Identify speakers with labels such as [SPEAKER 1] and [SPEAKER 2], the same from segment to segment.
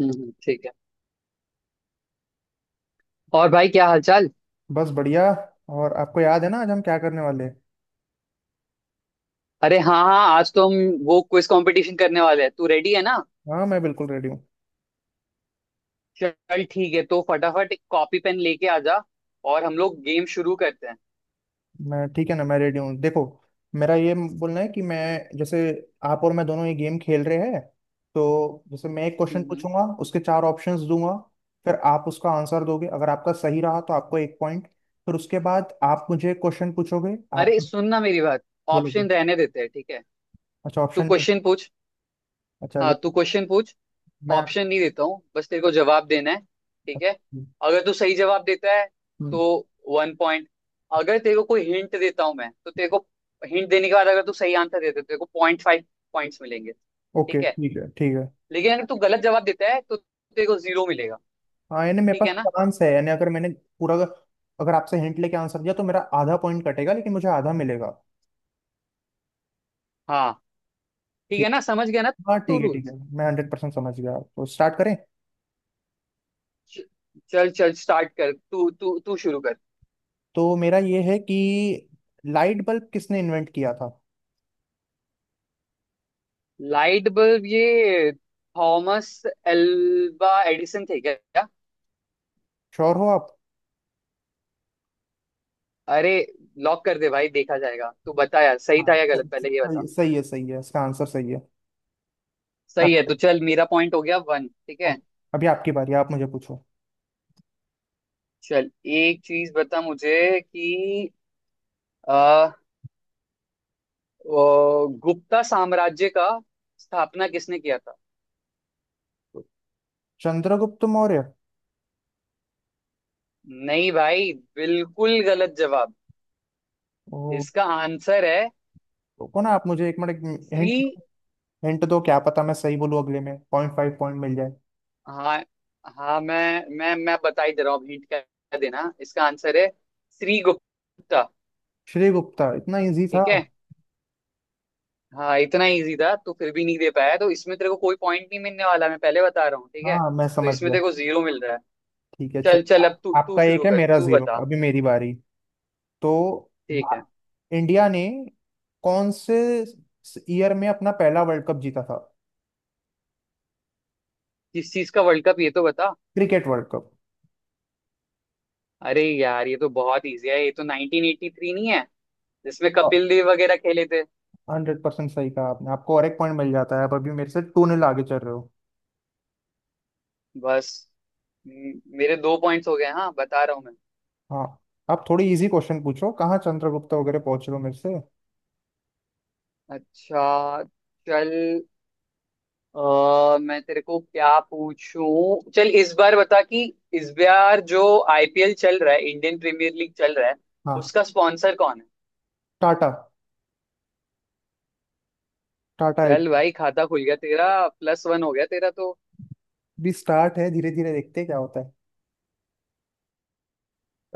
[SPEAKER 1] ठीक है। और भाई क्या हालचाल।
[SPEAKER 2] बस बढ़िया। और आपको याद है ना, आज हम क्या करने वाले हैं?
[SPEAKER 1] अरे हाँ हाँ, आज तो हम वो क्विज कंपटीशन करने वाले हैं, तू रेडी है ना।
[SPEAKER 2] हाँ, मैं बिल्कुल रेडी हूँ।
[SPEAKER 1] चल ठीक है, तो फटाफट कॉपी पेन लेके आ जा और हम लोग गेम शुरू करते हैं।
[SPEAKER 2] मैं ठीक है ना, मैं रेडी हूँ, देखो। मेरा ये बोलना है कि मैं, जैसे, आप और मैं दोनों ये गेम खेल रहे हैं। तो जैसे मैं एक क्वेश्चन
[SPEAKER 1] हम्म हम्म।
[SPEAKER 2] पूछूंगा, उसके चार ऑप्शंस दूंगा। फिर आप उसका आंसर दोगे। अगर आपका सही रहा तो आपको एक पॉइंट। फिर उसके बाद आप मुझे क्वेश्चन पूछोगे, आप
[SPEAKER 1] अरे सुन ना मेरी बात,
[SPEAKER 2] बोलोगे।
[SPEAKER 1] ऑप्शन रहने देते हैं, ठीक है।
[SPEAKER 2] अच्छा,
[SPEAKER 1] तू
[SPEAKER 2] ऑप्शन नहीं।
[SPEAKER 1] क्वेश्चन पूछ।
[SPEAKER 2] अच्छा।
[SPEAKER 1] हाँ, तू क्वेश्चन पूछ।
[SPEAKER 2] मैं।
[SPEAKER 1] ऑप्शन नहीं देता हूँ, बस तेरे को जवाब देना है। ठीक है, अगर तू सही जवाब देता है
[SPEAKER 2] हम्म,
[SPEAKER 1] तो वन पॉइंट। अगर तेरे को कोई हिंट देता हूँ मैं, तो तेरे को हिंट देने के बाद अगर तू सही आंसर देता है तो तेरे को पॉइंट फाइव पॉइंट्स मिलेंगे,
[SPEAKER 2] ओके,
[SPEAKER 1] ठीक है।
[SPEAKER 2] ठीक है ठीक है।
[SPEAKER 1] लेकिन अगर तू गलत जवाब देता है तो तेरे को जीरो मिलेगा,
[SPEAKER 2] हाँ, यानी मेरे
[SPEAKER 1] ठीक
[SPEAKER 2] पास
[SPEAKER 1] है ना।
[SPEAKER 2] चांस है। यानी अगर मैंने पूरा, अगर आपसे हिंट लेके आंसर दिया तो मेरा आधा पॉइंट कटेगा, लेकिन मुझे आधा मिलेगा।
[SPEAKER 1] हाँ, ठीक है
[SPEAKER 2] ठीक।
[SPEAKER 1] ना, समझ गया ना।
[SPEAKER 2] हाँ
[SPEAKER 1] तू
[SPEAKER 2] ठीक है ठीक है,
[SPEAKER 1] रूल्स,
[SPEAKER 2] मैं हंड्रेड परसेंट समझ गया। तो स्टार्ट करें?
[SPEAKER 1] चल चल स्टार्ट कर, तू तू तू शुरू कर।
[SPEAKER 2] तो मेरा ये है कि लाइट बल्ब किसने इन्वेंट किया था?
[SPEAKER 1] लाइट बल्ब ये थॉमस एल्वा एडिसन थे क्या।
[SPEAKER 2] श्योर हो आप?
[SPEAKER 1] अरे लॉक कर दे भाई, देखा जाएगा, तू बता यार सही
[SPEAKER 2] हाँ,
[SPEAKER 1] था या गलत, पहले ये बता।
[SPEAKER 2] सही, सही है, सही है, इसका आंसर सही है।
[SPEAKER 1] सही है
[SPEAKER 2] आपका,
[SPEAKER 1] तो चल, मेरा पॉइंट हो गया वन, ठीक है।
[SPEAKER 2] अभी आपकी बारी, आप मुझे पूछो।
[SPEAKER 1] चल एक चीज बता मुझे कि आ, वो गुप्ता साम्राज्य का स्थापना किसने किया था।
[SPEAKER 2] चंद्रगुप्त मौर्य।
[SPEAKER 1] नहीं भाई, बिल्कुल गलत जवाब।
[SPEAKER 2] ओ।
[SPEAKER 1] इसका आंसर है
[SPEAKER 2] रुको ना, आप मुझे एक मिनट।
[SPEAKER 1] श्री।
[SPEAKER 2] हिंट। हिंट दो, क्या पता मैं सही बोलूं, अगले में पॉइंट फाइव पॉइंट मिल जाए।
[SPEAKER 1] हाँ, हाँ मैं बता ही दे रहा हूँ, हिंट क्या देना, इसका आंसर है श्री गुप्ता।
[SPEAKER 2] श्री गुप्ता? इतना इजी था?
[SPEAKER 1] ठीक है, हाँ इतना इजी था तो फिर भी नहीं दे पाया, तो इसमें तेरे को कोई पॉइंट नहीं मिलने वाला, मैं पहले बता रहा हूँ, ठीक है,
[SPEAKER 2] हाँ, मैं
[SPEAKER 1] तो
[SPEAKER 2] समझ
[SPEAKER 1] इसमें
[SPEAKER 2] गया।
[SPEAKER 1] तेरे को जीरो मिल रहा है।
[SPEAKER 2] ठीक है,
[SPEAKER 1] चल
[SPEAKER 2] चलो,
[SPEAKER 1] चल, अब तू तू
[SPEAKER 2] आपका एक
[SPEAKER 1] शुरू
[SPEAKER 2] है,
[SPEAKER 1] कर,
[SPEAKER 2] मेरा
[SPEAKER 1] तू
[SPEAKER 2] जीरो,
[SPEAKER 1] बता।
[SPEAKER 2] अभी मेरी बारी। तो
[SPEAKER 1] ठीक
[SPEAKER 2] भा-
[SPEAKER 1] है,
[SPEAKER 2] इंडिया ने कौन से ईयर में अपना पहला वर्ल्ड कप जीता था?
[SPEAKER 1] किस चीज का वर्ल्ड कप ये तो बता।
[SPEAKER 2] Cricket world cup.
[SPEAKER 1] अरे यार, ये तो बहुत इजी है, ये तो 1983 नहीं है जिसमें
[SPEAKER 2] हाँ,
[SPEAKER 1] कपिल देव वगैरह खेले थे।
[SPEAKER 2] हंड्रेड परसेंट सही कहा आपने, आपको और एक पॉइंट मिल जाता है। आप अभी मेरे से टू नील आगे चल रहे हो।
[SPEAKER 1] बस मेरे दो पॉइंट्स हो गए, हाँ, बता रहा हूँ मैं।
[SPEAKER 2] हाँ। आप थोड़ी इजी क्वेश्चन पूछो, कहाँ चंद्रगुप्ता वगैरह पहुंच रहे हो मेरे से।
[SPEAKER 1] अच्छा चल, अ मैं तेरे को क्या पूछूं, चल इस बार बता कि इस बार जो आईपीएल चल रहा है, इंडियन प्रीमियर लीग चल रहा है,
[SPEAKER 2] हाँ।
[SPEAKER 1] उसका स्पॉन्सर कौन है।
[SPEAKER 2] टाटा। टाटा।
[SPEAKER 1] चल भाई, खाता खुल गया तेरा, प्लस वन हो गया तेरा तो।
[SPEAKER 2] भी स्टार्ट है, धीरे धीरे देखते हैं क्या होता है।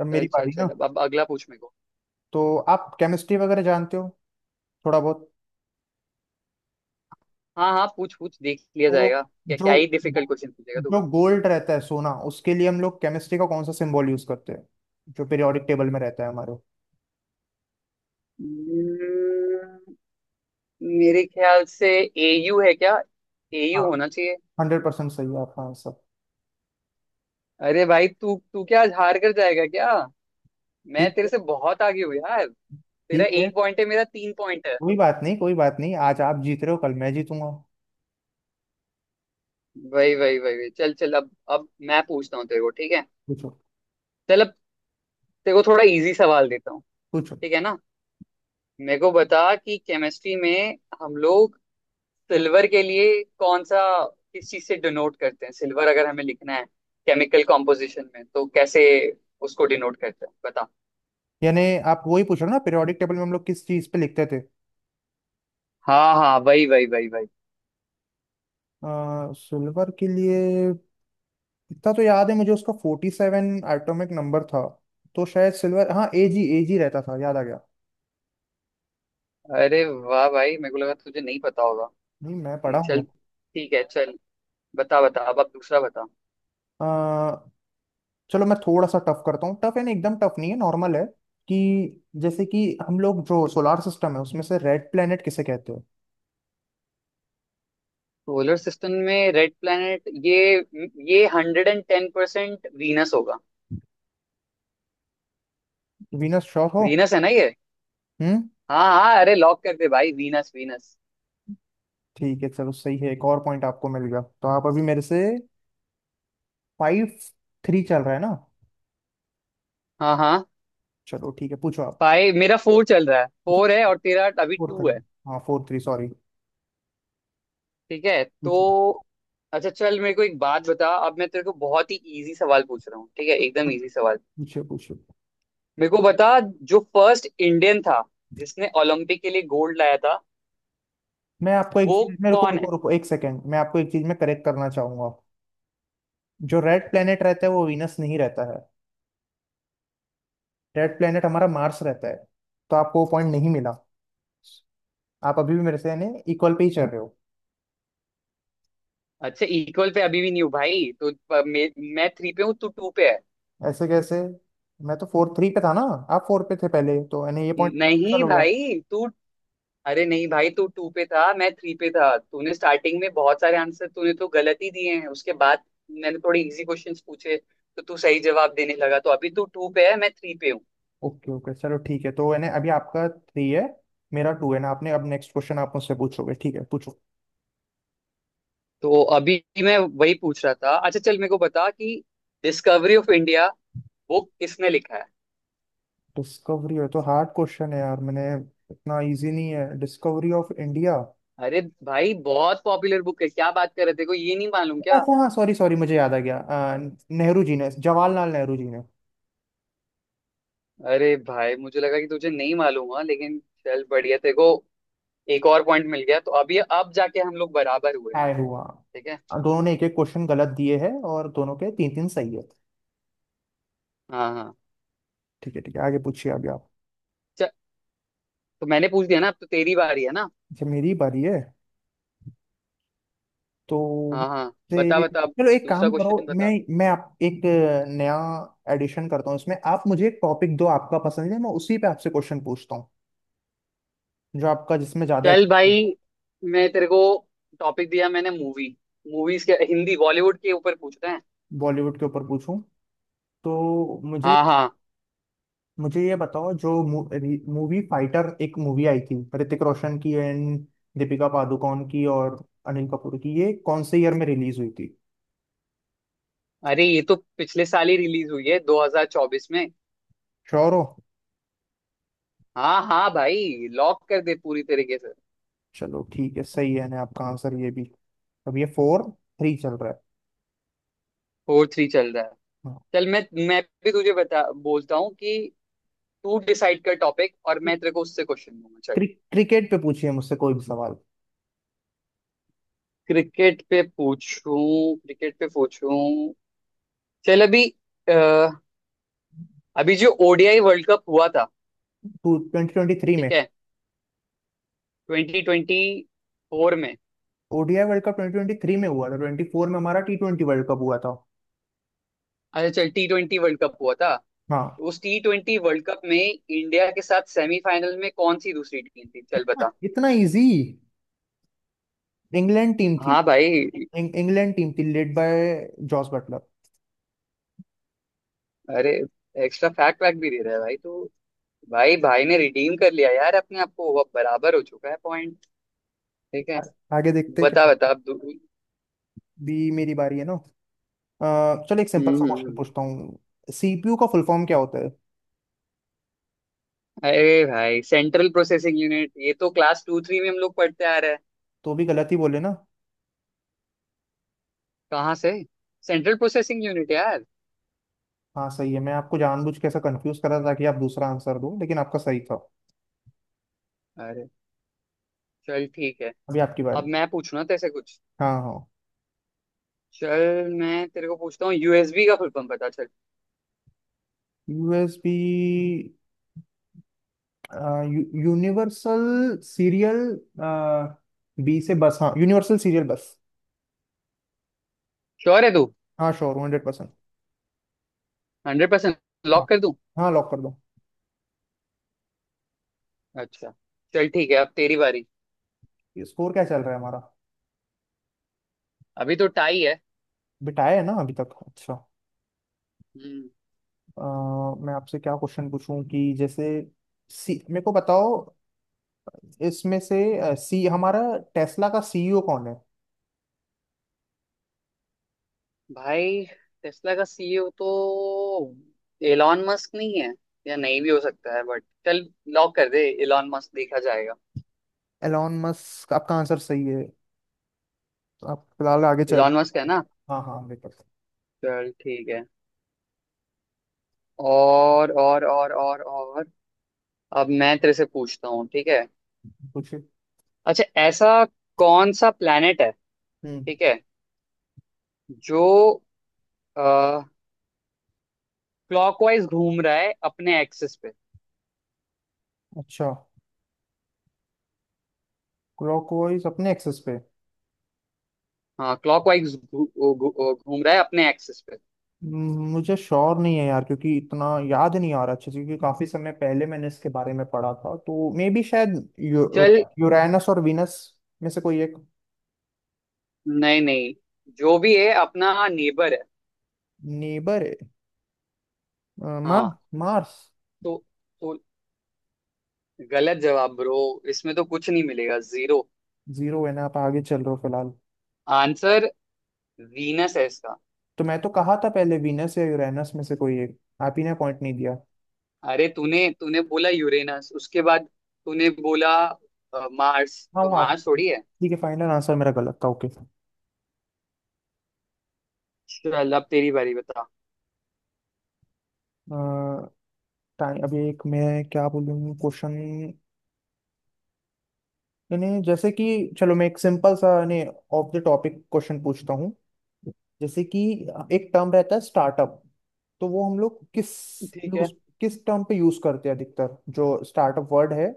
[SPEAKER 2] अब मेरी
[SPEAKER 1] चल चल
[SPEAKER 2] बारी ना।
[SPEAKER 1] चल, अब अगला पूछ मेरे को।
[SPEAKER 2] तो आप केमिस्ट्री वगैरह जानते हो, थोड़ा बहुत?
[SPEAKER 1] हाँ हाँ, पूछ पूछ, देख लिया
[SPEAKER 2] तो
[SPEAKER 1] जाएगा, क्या
[SPEAKER 2] जो
[SPEAKER 1] क्या ही डिफिकल्ट क्वेश्चन पूछेगा तू।
[SPEAKER 2] जो गोल्ड रहता है, सोना, उसके लिए हम लोग केमिस्ट्री का कौन सा सिंबल यूज करते हैं, जो पीरियोडिक टेबल में रहता है हमारे?
[SPEAKER 1] Hmm, मेरे ख्याल से एयू है क्या,
[SPEAKER 2] हाँ,
[SPEAKER 1] एयू होना चाहिए।
[SPEAKER 2] हंड्रेड परसेंट सही है आपका आंसर।
[SPEAKER 1] अरे भाई, तू तू क्या आज हार कर जाएगा क्या, मैं
[SPEAKER 2] ठीक
[SPEAKER 1] तेरे
[SPEAKER 2] है।
[SPEAKER 1] से बहुत आगे हूँ यार। तेरा
[SPEAKER 2] ठीक है,
[SPEAKER 1] एक पॉइंट है, मेरा तीन पॉइंट है।
[SPEAKER 2] कोई बात नहीं, कोई बात नहीं, आज आप जीत रहे हो, कल मैं जीतूंगा।
[SPEAKER 1] वही वही वही वही, चल चल अब मैं पूछता हूँ तेरे को, ठीक है।
[SPEAKER 2] पूछो,
[SPEAKER 1] चल अब तेरे को थोड़ा इजी सवाल देता हूँ,
[SPEAKER 2] पूछो।
[SPEAKER 1] ठीक है ना। मेरे को बता कि केमिस्ट्री में हम लोग सिल्वर के लिए कौन सा, किस चीज से डिनोट करते हैं सिल्वर, अगर हमें लिखना है केमिकल कॉम्पोजिशन में तो कैसे उसको डिनोट करते हैं, बता।
[SPEAKER 2] यानी आप वही पूछ रहे हो ना, पीरियोडिक टेबल में हम लोग किस चीज पे लिखते थे,
[SPEAKER 1] हाँ हाँ, वही वही वही वही।
[SPEAKER 2] सिल्वर के लिए? इतना तो याद है मुझे, उसका फोर्टी सेवन एटॉमिक नंबर था। तो शायद सिल्वर, हाँ, एजी, एजी रहता था, याद आ गया।
[SPEAKER 1] अरे वाह भाई, मेरे को लगा तुझे नहीं पता होगा।
[SPEAKER 2] नहीं, मैं पढ़ा
[SPEAKER 1] चल
[SPEAKER 2] हूँ।
[SPEAKER 1] ठीक है, चल बता बता अब दूसरा बता।
[SPEAKER 2] अ, चलो मैं थोड़ा सा टफ करता हूँ। टफ यानी एकदम टफ नहीं है, नॉर्मल है। कि जैसे कि हम लोग जो सोलार सिस्टम है, उसमें से रेड प्लेनेट किसे कहते हो?
[SPEAKER 1] सोलर सिस्टम में रेड प्लैनेट, ये hundred and ten percent Venus होगा।
[SPEAKER 2] वीनस? श्योर हो?
[SPEAKER 1] वीनस है ना ये।
[SPEAKER 2] हम्म।
[SPEAKER 1] हाँ हाँ, अरे लॉक कर दे भाई, वीनस वीनस।
[SPEAKER 2] ठीक है, चलो सही है, एक और पॉइंट आपको मिल गया। तो आप अभी मेरे से फाइव, थ्री चल रहा है ना?
[SPEAKER 1] हाँ हाँ
[SPEAKER 2] चलो ठीक है, पूछो आप।
[SPEAKER 1] भाई, मेरा फोर चल रहा है, फोर है और तेरा अभी
[SPEAKER 2] फोर
[SPEAKER 1] टू
[SPEAKER 2] थ्री,
[SPEAKER 1] है,
[SPEAKER 2] हाँ फोर थ्री, सॉरी।
[SPEAKER 1] ठीक है तो।
[SPEAKER 2] पूछो,
[SPEAKER 1] अच्छा चल, मेरे को एक बात बता, अब मैं तेरे को बहुत ही इजी सवाल पूछ रहा हूँ, ठीक है, एकदम इजी सवाल।
[SPEAKER 2] पूछो, पूछो।
[SPEAKER 1] मेरे को बता, जो फर्स्ट इंडियन था जिसने ओलंपिक के लिए गोल्ड लाया था,
[SPEAKER 2] मैं आपको एक
[SPEAKER 1] वो
[SPEAKER 2] चीज, मेरे को
[SPEAKER 1] कौन है।
[SPEAKER 2] रुको रुको, एक सेकेंड, मैं आपको एक चीज में करेक्ट करना चाहूंगा। जो रेड प्लेनेट रहता है वो वीनस नहीं रहता है। रेड प्लेनेट हमारा मार्स रहता है। तो आपको वो पॉइंट नहीं मिला। आप अभी भी मेरे से, यानी, इक्वल पे ही चल रहे हो।
[SPEAKER 1] अच्छा, इक्वल पे अभी भी नहीं हूँ भाई तो मैं थ्री पे हूँ, तू टू पे है।
[SPEAKER 2] ऐसे कैसे? मैं तो फोर थ्री पे था ना? आप फोर पे थे पहले, तो यानी ये पॉइंट कैंसिल
[SPEAKER 1] नहीं
[SPEAKER 2] हो गया।
[SPEAKER 1] भाई तू अरे नहीं भाई, तू टू पे था, मैं थ्री पे था, तूने स्टार्टिंग में बहुत सारे आंसर तूने तो गलत ही दिए हैं, उसके बाद मैंने थोड़े इजी क्वेश्चंस पूछे तो तू सही जवाब देने लगा, तो अभी तू टू पे है, मैं थ्री पे हूँ।
[SPEAKER 2] ओके, ओके, चलो ठीक है, तो यानी अभी आपका थ्री है, मेरा टू है ना। आपने, अब नेक्स्ट क्वेश्चन आप मुझसे पूछोगे, ठीक है, पूछो।
[SPEAKER 1] तो अभी मैं वही पूछ रहा था, अच्छा चल, मेरे को बता कि डिस्कवरी ऑफ इंडिया बुक किसने लिखा है।
[SPEAKER 2] डिस्कवरी है तो हार्ड क्वेश्चन है यार, मैंने, इतना इजी नहीं है डिस्कवरी ऑफ इंडिया।
[SPEAKER 1] अरे भाई, बहुत पॉपुलर बुक है, क्या बात कर रहे, तेरे को ये नहीं मालूम क्या।
[SPEAKER 2] अच्छा हाँ, सॉरी सॉरी, मुझे याद आ गया। नेहरू जी ने, जवाहरलाल नेहरू जी ने।
[SPEAKER 1] अरे भाई, मुझे लगा कि तुझे नहीं मालूम हुआ, लेकिन चल बढ़िया, तेरे को एक और पॉइंट मिल गया, तो अभी अब जाके हम लोग बराबर हुए हैं।
[SPEAKER 2] ऐड हुआ।
[SPEAKER 1] ठीक है,
[SPEAKER 2] दोनों ने एक एक क्वेश्चन गलत दिए हैं और दोनों के तीन तीन सही है।
[SPEAKER 1] हाँ हाँ।
[SPEAKER 2] ठीक है, ठीक है, आगे पूछिए, आगे आप।
[SPEAKER 1] चल तो मैंने पूछ दिया ना, अब तो तेरी बारी है ना।
[SPEAKER 2] जब मेरी बारी है तो
[SPEAKER 1] हाँ हाँ बता
[SPEAKER 2] से-
[SPEAKER 1] बता, अब
[SPEAKER 2] चलो एक
[SPEAKER 1] दूसरा
[SPEAKER 2] काम करो,
[SPEAKER 1] क्वेश्चन
[SPEAKER 2] मैं
[SPEAKER 1] बता।
[SPEAKER 2] मैं आप एक नया एडिशन करता हूँ इसमें। आप मुझे एक टॉपिक दो, आपका पसंद है, मैं उसी पे आपसे क्वेश्चन पूछता हूँ। जो आपका, जिसमें ज्यादा,
[SPEAKER 1] चल भाई, मैं तेरे को टॉपिक दिया मैंने, मूवी मूवीज के, हिंदी बॉलीवुड के ऊपर पूछ रहे हैं।
[SPEAKER 2] बॉलीवुड के ऊपर पूछूं, तो मुझे,
[SPEAKER 1] हाँ हाँ,
[SPEAKER 2] मुझे ये बताओ, जो मूवी फाइटर, एक मूवी आई थी ऋतिक रोशन की एंड दीपिका पादुकोण की और अनिल कपूर की, ये कौन से ईयर में रिलीज हुई थी?
[SPEAKER 1] अरे ये तो पिछले साल ही रिलीज हुई है, 2024 में।
[SPEAKER 2] श्योर हो?
[SPEAKER 1] हाँ हाँ भाई, लॉक कर दे पूरी तरीके से।
[SPEAKER 2] चलो ठीक है, सही है ना आपका आंसर ये भी। अब ये फोर, थ्री चल रहा है।
[SPEAKER 1] फोर थ्री चल रहा है।
[SPEAKER 2] हाँ।
[SPEAKER 1] चल मैं भी तुझे बता, बोलता हूँ कि तू डिसाइड कर टॉपिक और मैं तेरे को उससे क्वेश्चन दूंगा, चल।
[SPEAKER 2] क्रिकेट पे पूछिए मुझसे कोई भी सवाल।
[SPEAKER 1] क्रिकेट पे पूछूं, क्रिकेट पे पूछूं। चल अभी, अ, अभी जो ओडीआई वर्ल्ड कप हुआ था,
[SPEAKER 2] टू ट्वेंटी ट्वेंटी थ्री में?
[SPEAKER 1] ठीक है, ट्वेंटी ट्वेंटी फोर में।
[SPEAKER 2] ODI world cup twenty twenty three में हुआ था, ट्वेंटी फोर में हमारा टी ट्वेंटी वर्ल्ड कप हुआ था।
[SPEAKER 1] अच्छा चल, टी ट्वेंटी वर्ल्ड कप हुआ था।
[SPEAKER 2] हाँ।
[SPEAKER 1] उस टी ट्वेंटी वर्ल्ड कप में इंडिया के साथ सेमीफाइनल में कौन सी दूसरी टीम थी, चल
[SPEAKER 2] इतना
[SPEAKER 1] बता।
[SPEAKER 2] इतना इजी, इंग्लैंड टीम थी।
[SPEAKER 1] हाँ भाई।
[SPEAKER 2] इंग्लैंड टीम थी, लेड बाय जॉस बटलर।
[SPEAKER 1] अरे एक्स्ट्रा फैक्ट वैक्ट भी दे रहा है भाई तो, भाई भाई ने रिडीम कर लिया यार अपने आप को, वो अब बराबर हो चुका है पॉइंट, ठीक है।
[SPEAKER 2] आ- आगे देखते हैं
[SPEAKER 1] बता
[SPEAKER 2] क्या,
[SPEAKER 1] बता,
[SPEAKER 2] भी मेरी बारी है ना। अ, चलो एक सिंपल
[SPEAKER 1] हम्म
[SPEAKER 2] सा
[SPEAKER 1] हम्म,
[SPEAKER 2] क्वेश्चन
[SPEAKER 1] हम्म।
[SPEAKER 2] पूछता हूँ, सीपीयू का फुल फॉर्म क्या होता है?
[SPEAKER 1] अरे भाई, सेंट्रल प्रोसेसिंग यूनिट, ये तो क्लास टू थ्री में हम लोग पढ़ते आ रहे हैं।
[SPEAKER 2] तो भी गलत ही बोले ना?
[SPEAKER 1] कहाँ से, सेंट्रल प्रोसेसिंग यूनिट यार।
[SPEAKER 2] हाँ सही है, मैं आपको जानबूझ के ऐसा कंफ्यूज करा ताकि आप दूसरा आंसर दो, लेकिन आपका सही था।
[SPEAKER 1] अरे चल ठीक है,
[SPEAKER 2] अभी आपकी बारी।
[SPEAKER 1] अब मैं पूछूंगा तेरे से कुछ।
[SPEAKER 2] हाँ हाँ।
[SPEAKER 1] चल मैं तेरे को पूछता हूँ, यूएसबी का फुल फॉर्म बता, चल।
[SPEAKER 2] यूएसबी, यूनिवर्सल, सीरियल, बी से बस, हाँ, यूनिवर्सल सीरियल बस।
[SPEAKER 1] श्योर है तू,
[SPEAKER 2] हाँ, sure, hundred percent.
[SPEAKER 1] Hundred percent,
[SPEAKER 2] हाँ,
[SPEAKER 1] लॉक कर दूं।
[SPEAKER 2] हाँ, लॉक कर दो।
[SPEAKER 1] अच्छा चल ठीक है, अब तेरी बारी।
[SPEAKER 2] ये स्कोर क्या चल रहा है हमारा?
[SPEAKER 1] अभी तो टाई है।
[SPEAKER 2] बिटाया है ना अभी तक? अच्छा।
[SPEAKER 1] हम्म।
[SPEAKER 2] अ, मैं आपसे क्या क्वेश्चन पूछूं, कि जैसे सी, मेरे को बताओ, इसमें से सी, हमारा टेस्ला का सीईओ कौन है?
[SPEAKER 1] भाई टेस्ला का सीईओ तो एलॉन मस्क नहीं है, या नहीं भी हो सकता है, बट चल, लॉक कर दे एलॉन मस्क, देखा जाएगा।
[SPEAKER 2] एलॉन मस्क, आपका आंसर सही है, तो आप फिलहाल आगे चल
[SPEAKER 1] एलॉन मस्क है
[SPEAKER 2] रहे हैं।
[SPEAKER 1] ना।
[SPEAKER 2] हाँ हाँ, मेरे पता
[SPEAKER 1] चल ठीक है। और अब मैं तेरे से पूछता हूँ, ठीक है।
[SPEAKER 2] है। पूछिए।
[SPEAKER 1] अच्छा, ऐसा कौन सा प्लेनेट है,
[SPEAKER 2] हम्म।
[SPEAKER 1] ठीक है, जो क्लॉकवाइज घूम रहा है अपने एक्सिस पे।
[SPEAKER 2] अच्छा, क्लॉकवाइज अपने एक्सेस पे?
[SPEAKER 1] हाँ, क्लॉकवाइज घूम रहा है अपने एक्सिस पे।
[SPEAKER 2] मुझे श्योर नहीं है यार, क्योंकि इतना याद नहीं आ रहा अच्छे से, क्योंकि काफी समय पहले मैंने इसके बारे में पढ़ा था। तो मे बी शायद यू,
[SPEAKER 1] चल।
[SPEAKER 2] यूरैनस और वीनस में से कोई एक।
[SPEAKER 1] नहीं नहीं, जो भी है अपना नेबर है।
[SPEAKER 2] नेबर है? मार्स,
[SPEAKER 1] हाँ
[SPEAKER 2] मार्स।
[SPEAKER 1] तो, तो गलत जवाब ब्रो, इसमें तो कुछ नहीं मिलेगा, जीरो।
[SPEAKER 2] जीरो है ना? आप आगे चल रहे हो फिलहाल।
[SPEAKER 1] आंसर वीनस है इसका।
[SPEAKER 2] तो मैं तो कहा था पहले, वीनस या यूरेनस में से कोई एक, आप ही ने पॉइंट नहीं दिया।
[SPEAKER 1] अरे तूने तूने बोला यूरेनस, उसके बाद तूने बोला मार्स,
[SPEAKER 2] हाँ
[SPEAKER 1] तो
[SPEAKER 2] वो आप,
[SPEAKER 1] मार्स थोड़ी है।
[SPEAKER 2] ठीक है, फाइनल आंसर मेरा गलत था, ओके।
[SPEAKER 1] चल अब तेरी बारी, बता।
[SPEAKER 2] टाइम अभी एक, मैं क्या बोलूँ क्वेश्चन, यानी जैसे कि, चलो मैं एक सिंपल सा, यानी ऑफ द टॉपिक क्वेश्चन पूछता हूँ। जैसे कि एक टर्म रहता है, स्टार्टअप, तो वो हम लोग किस
[SPEAKER 1] ठीक है
[SPEAKER 2] यूज, किस टर्म पे यूज करते हैं अधिकतर? जो स्टार्टअप वर्ड है,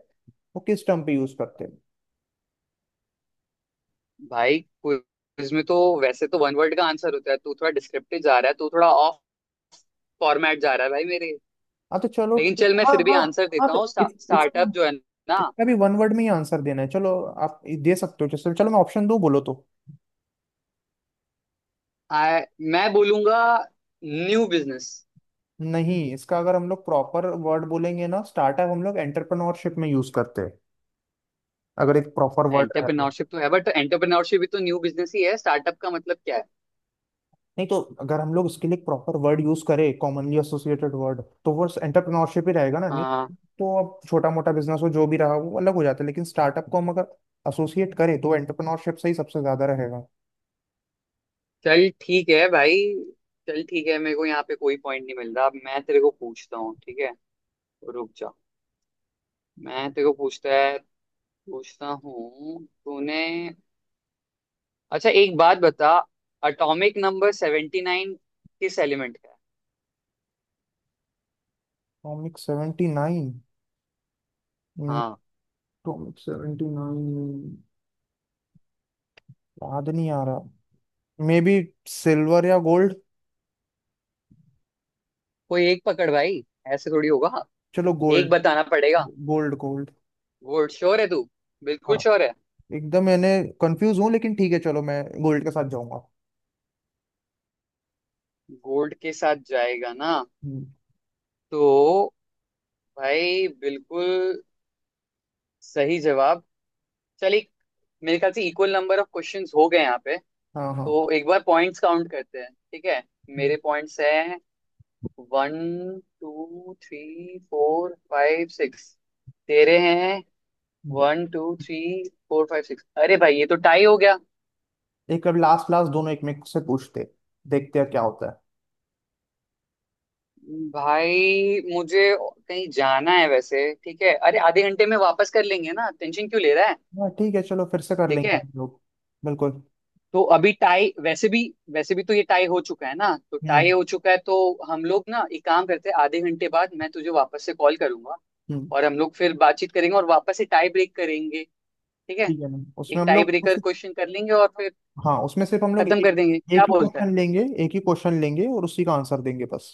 [SPEAKER 2] वो किस टर्म पे यूज करते हैं?
[SPEAKER 1] भाई, क्विज में तो वैसे तो वन वर्ड का आंसर होता है, तू थोड़ा डिस्क्रिप्टिव जा रहा है, तू थोड़ा ऑफ फॉर्मेट जा रहा है भाई मेरे।
[SPEAKER 2] हाँ तो चलो
[SPEAKER 1] लेकिन
[SPEAKER 2] ठीक है,
[SPEAKER 1] चल मैं
[SPEAKER 2] हाँ
[SPEAKER 1] फिर भी
[SPEAKER 2] हाँ।
[SPEAKER 1] आंसर
[SPEAKER 2] हाँ
[SPEAKER 1] देता
[SPEAKER 2] तो
[SPEAKER 1] हूँ,
[SPEAKER 2] इस इसको,
[SPEAKER 1] स्टार्टअप जो है ना।
[SPEAKER 2] इसका भी वन वर्ड में ही आंसर देना है, चलो आप दे सकते हो। जैसे चलो मैं ऑप्शन दूँ, बोलो तो।
[SPEAKER 1] आ, मैं बोलूंगा न्यू बिजनेस।
[SPEAKER 2] नहीं, इसका अगर हम लोग प्रॉपर वर्ड बोलेंगे ना, स्टार्टअप हम लोग एंटरप्रेन्योरशिप में यूज करते हैं, अगर एक प्रॉपर वर्ड रहे तो।
[SPEAKER 1] एंटरप्रेन्योरशिप तो है बट, एंटरप्रेन्योरशिप भी तो न्यू बिजनेस ही है, स्टार्टअप का मतलब क्या
[SPEAKER 2] नहीं तो अगर हम लोग इसके लिए प्रॉपर वर्ड यूज करें, कॉमनली एसोसिएटेड वर्ड, तो वो एंटरप्रेन्योरशिप ही रहेगा ना? नहीं
[SPEAKER 1] है।
[SPEAKER 2] तो अब छोटा मोटा बिजनेस हो, जो भी रहा वो अलग हो जाता है, लेकिन स्टार्टअप को हम अगर एसोसिएट करें तो एंटरप्रेन्योरशिप से ही सबसे ज्यादा रहेगा।
[SPEAKER 1] चल ठीक है भाई, चल ठीक है, मेरे को यहाँ पे कोई पॉइंट नहीं मिल रहा। अब मैं तेरे को पूछता हूँ, ठीक है, रुक जा, मैं तेरे को पूछता हूँ। तूने अच्छा एक बात बता, अटोमिक नंबर सेवेंटी नाइन किस एलिमेंट का है।
[SPEAKER 2] Topic seventy nine?
[SPEAKER 1] हाँ,
[SPEAKER 2] टॉमिक 79, याद नहीं आ रहा। मे बी सिल्वर या गोल्ड।
[SPEAKER 1] कोई एक पकड़ भाई, ऐसे थोड़ी होगा,
[SPEAKER 2] चलो
[SPEAKER 1] एक
[SPEAKER 2] गोल्ड।
[SPEAKER 1] बताना पड़ेगा।
[SPEAKER 2] Gold, gold.
[SPEAKER 1] गोल्ड, श्योर है तू,
[SPEAKER 2] हाँ,
[SPEAKER 1] बिल्कुल श्योर है।
[SPEAKER 2] एकदम, मैंने, कंफ्यूज हूँ, लेकिन ठीक है चलो, मैं गोल्ड के साथ जाऊंगा।
[SPEAKER 1] गोल्ड के साथ जाएगा ना,
[SPEAKER 2] हम्म,
[SPEAKER 1] तो भाई, बिल्कुल सही जवाब। चल एक, मेरे ख्याल से इक्वल नंबर ऑफ क्वेश्चंस हो गए यहाँ पे,
[SPEAKER 2] हाँ हाँ।
[SPEAKER 1] तो एक बार पॉइंट्स काउंट करते हैं, ठीक है। मेरे पॉइंट्स हैं one two three four five six. तेरे हैं
[SPEAKER 2] हम्म,
[SPEAKER 1] one two three four five six, अरे भाई, ये तो टाई हो गया।
[SPEAKER 2] एक, अब लास्ट लास्ट दोनों एक में से पूछते, देखते हैं क्या होता
[SPEAKER 1] भाई, मुझे कहीं जाना है वैसे, ठीक है, अरे आधे घंटे में वापस कर लेंगे ना, टेंशन क्यों ले रहा है।
[SPEAKER 2] है। हाँ ठीक है, चलो फिर से कर
[SPEAKER 1] ठीक
[SPEAKER 2] लेंगे
[SPEAKER 1] है,
[SPEAKER 2] हम लोग। बिल्कुल।
[SPEAKER 1] तो अभी टाई वैसे भी, वैसे भी तो ये टाई हो चुका है ना, तो टाई
[SPEAKER 2] हम्म
[SPEAKER 1] हो चुका है तो हम लोग ना एक काम करते हैं, आधे घंटे बाद मैं तुझे वापस से कॉल करूंगा,
[SPEAKER 2] हम्म।
[SPEAKER 1] और हम लोग फिर बातचीत करेंगे और वापस से टाई ब्रेक करेंगे, ठीक है।
[SPEAKER 2] ठीक है ना, उसमें
[SPEAKER 1] एक
[SPEAKER 2] हम
[SPEAKER 1] टाई
[SPEAKER 2] लोग उस,
[SPEAKER 1] ब्रेकर क्वेश्चन कर लेंगे और फिर
[SPEAKER 2] हाँ, उसमें सिर्फ हम लोग एक,
[SPEAKER 1] खत्म कर देंगे,
[SPEAKER 2] एक
[SPEAKER 1] क्या
[SPEAKER 2] ही
[SPEAKER 1] बोलता है।
[SPEAKER 2] क्वेश्चन लेंगे, एक ही क्वेश्चन लेंगे और उसी का आंसर देंगे, बस।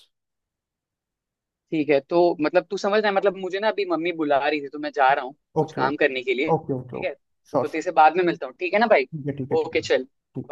[SPEAKER 1] ठीक है, तो मतलब, तू समझ रहा है मतलब, मुझे ना अभी मम्मी बुला रही थी, तो मैं जा रहा हूँ कुछ
[SPEAKER 2] ओके ओके,
[SPEAKER 1] काम करने के लिए,
[SPEAKER 2] ओके ओके
[SPEAKER 1] ठीक है,
[SPEAKER 2] ओके। श्योर
[SPEAKER 1] तो तेरे
[SPEAKER 2] श्योर।
[SPEAKER 1] से बाद में मिलता हूँ, ठीक है ना भाई।
[SPEAKER 2] ठीक है ठीक है ठीक है
[SPEAKER 1] ओके
[SPEAKER 2] ठीक
[SPEAKER 1] चल।
[SPEAKER 2] है।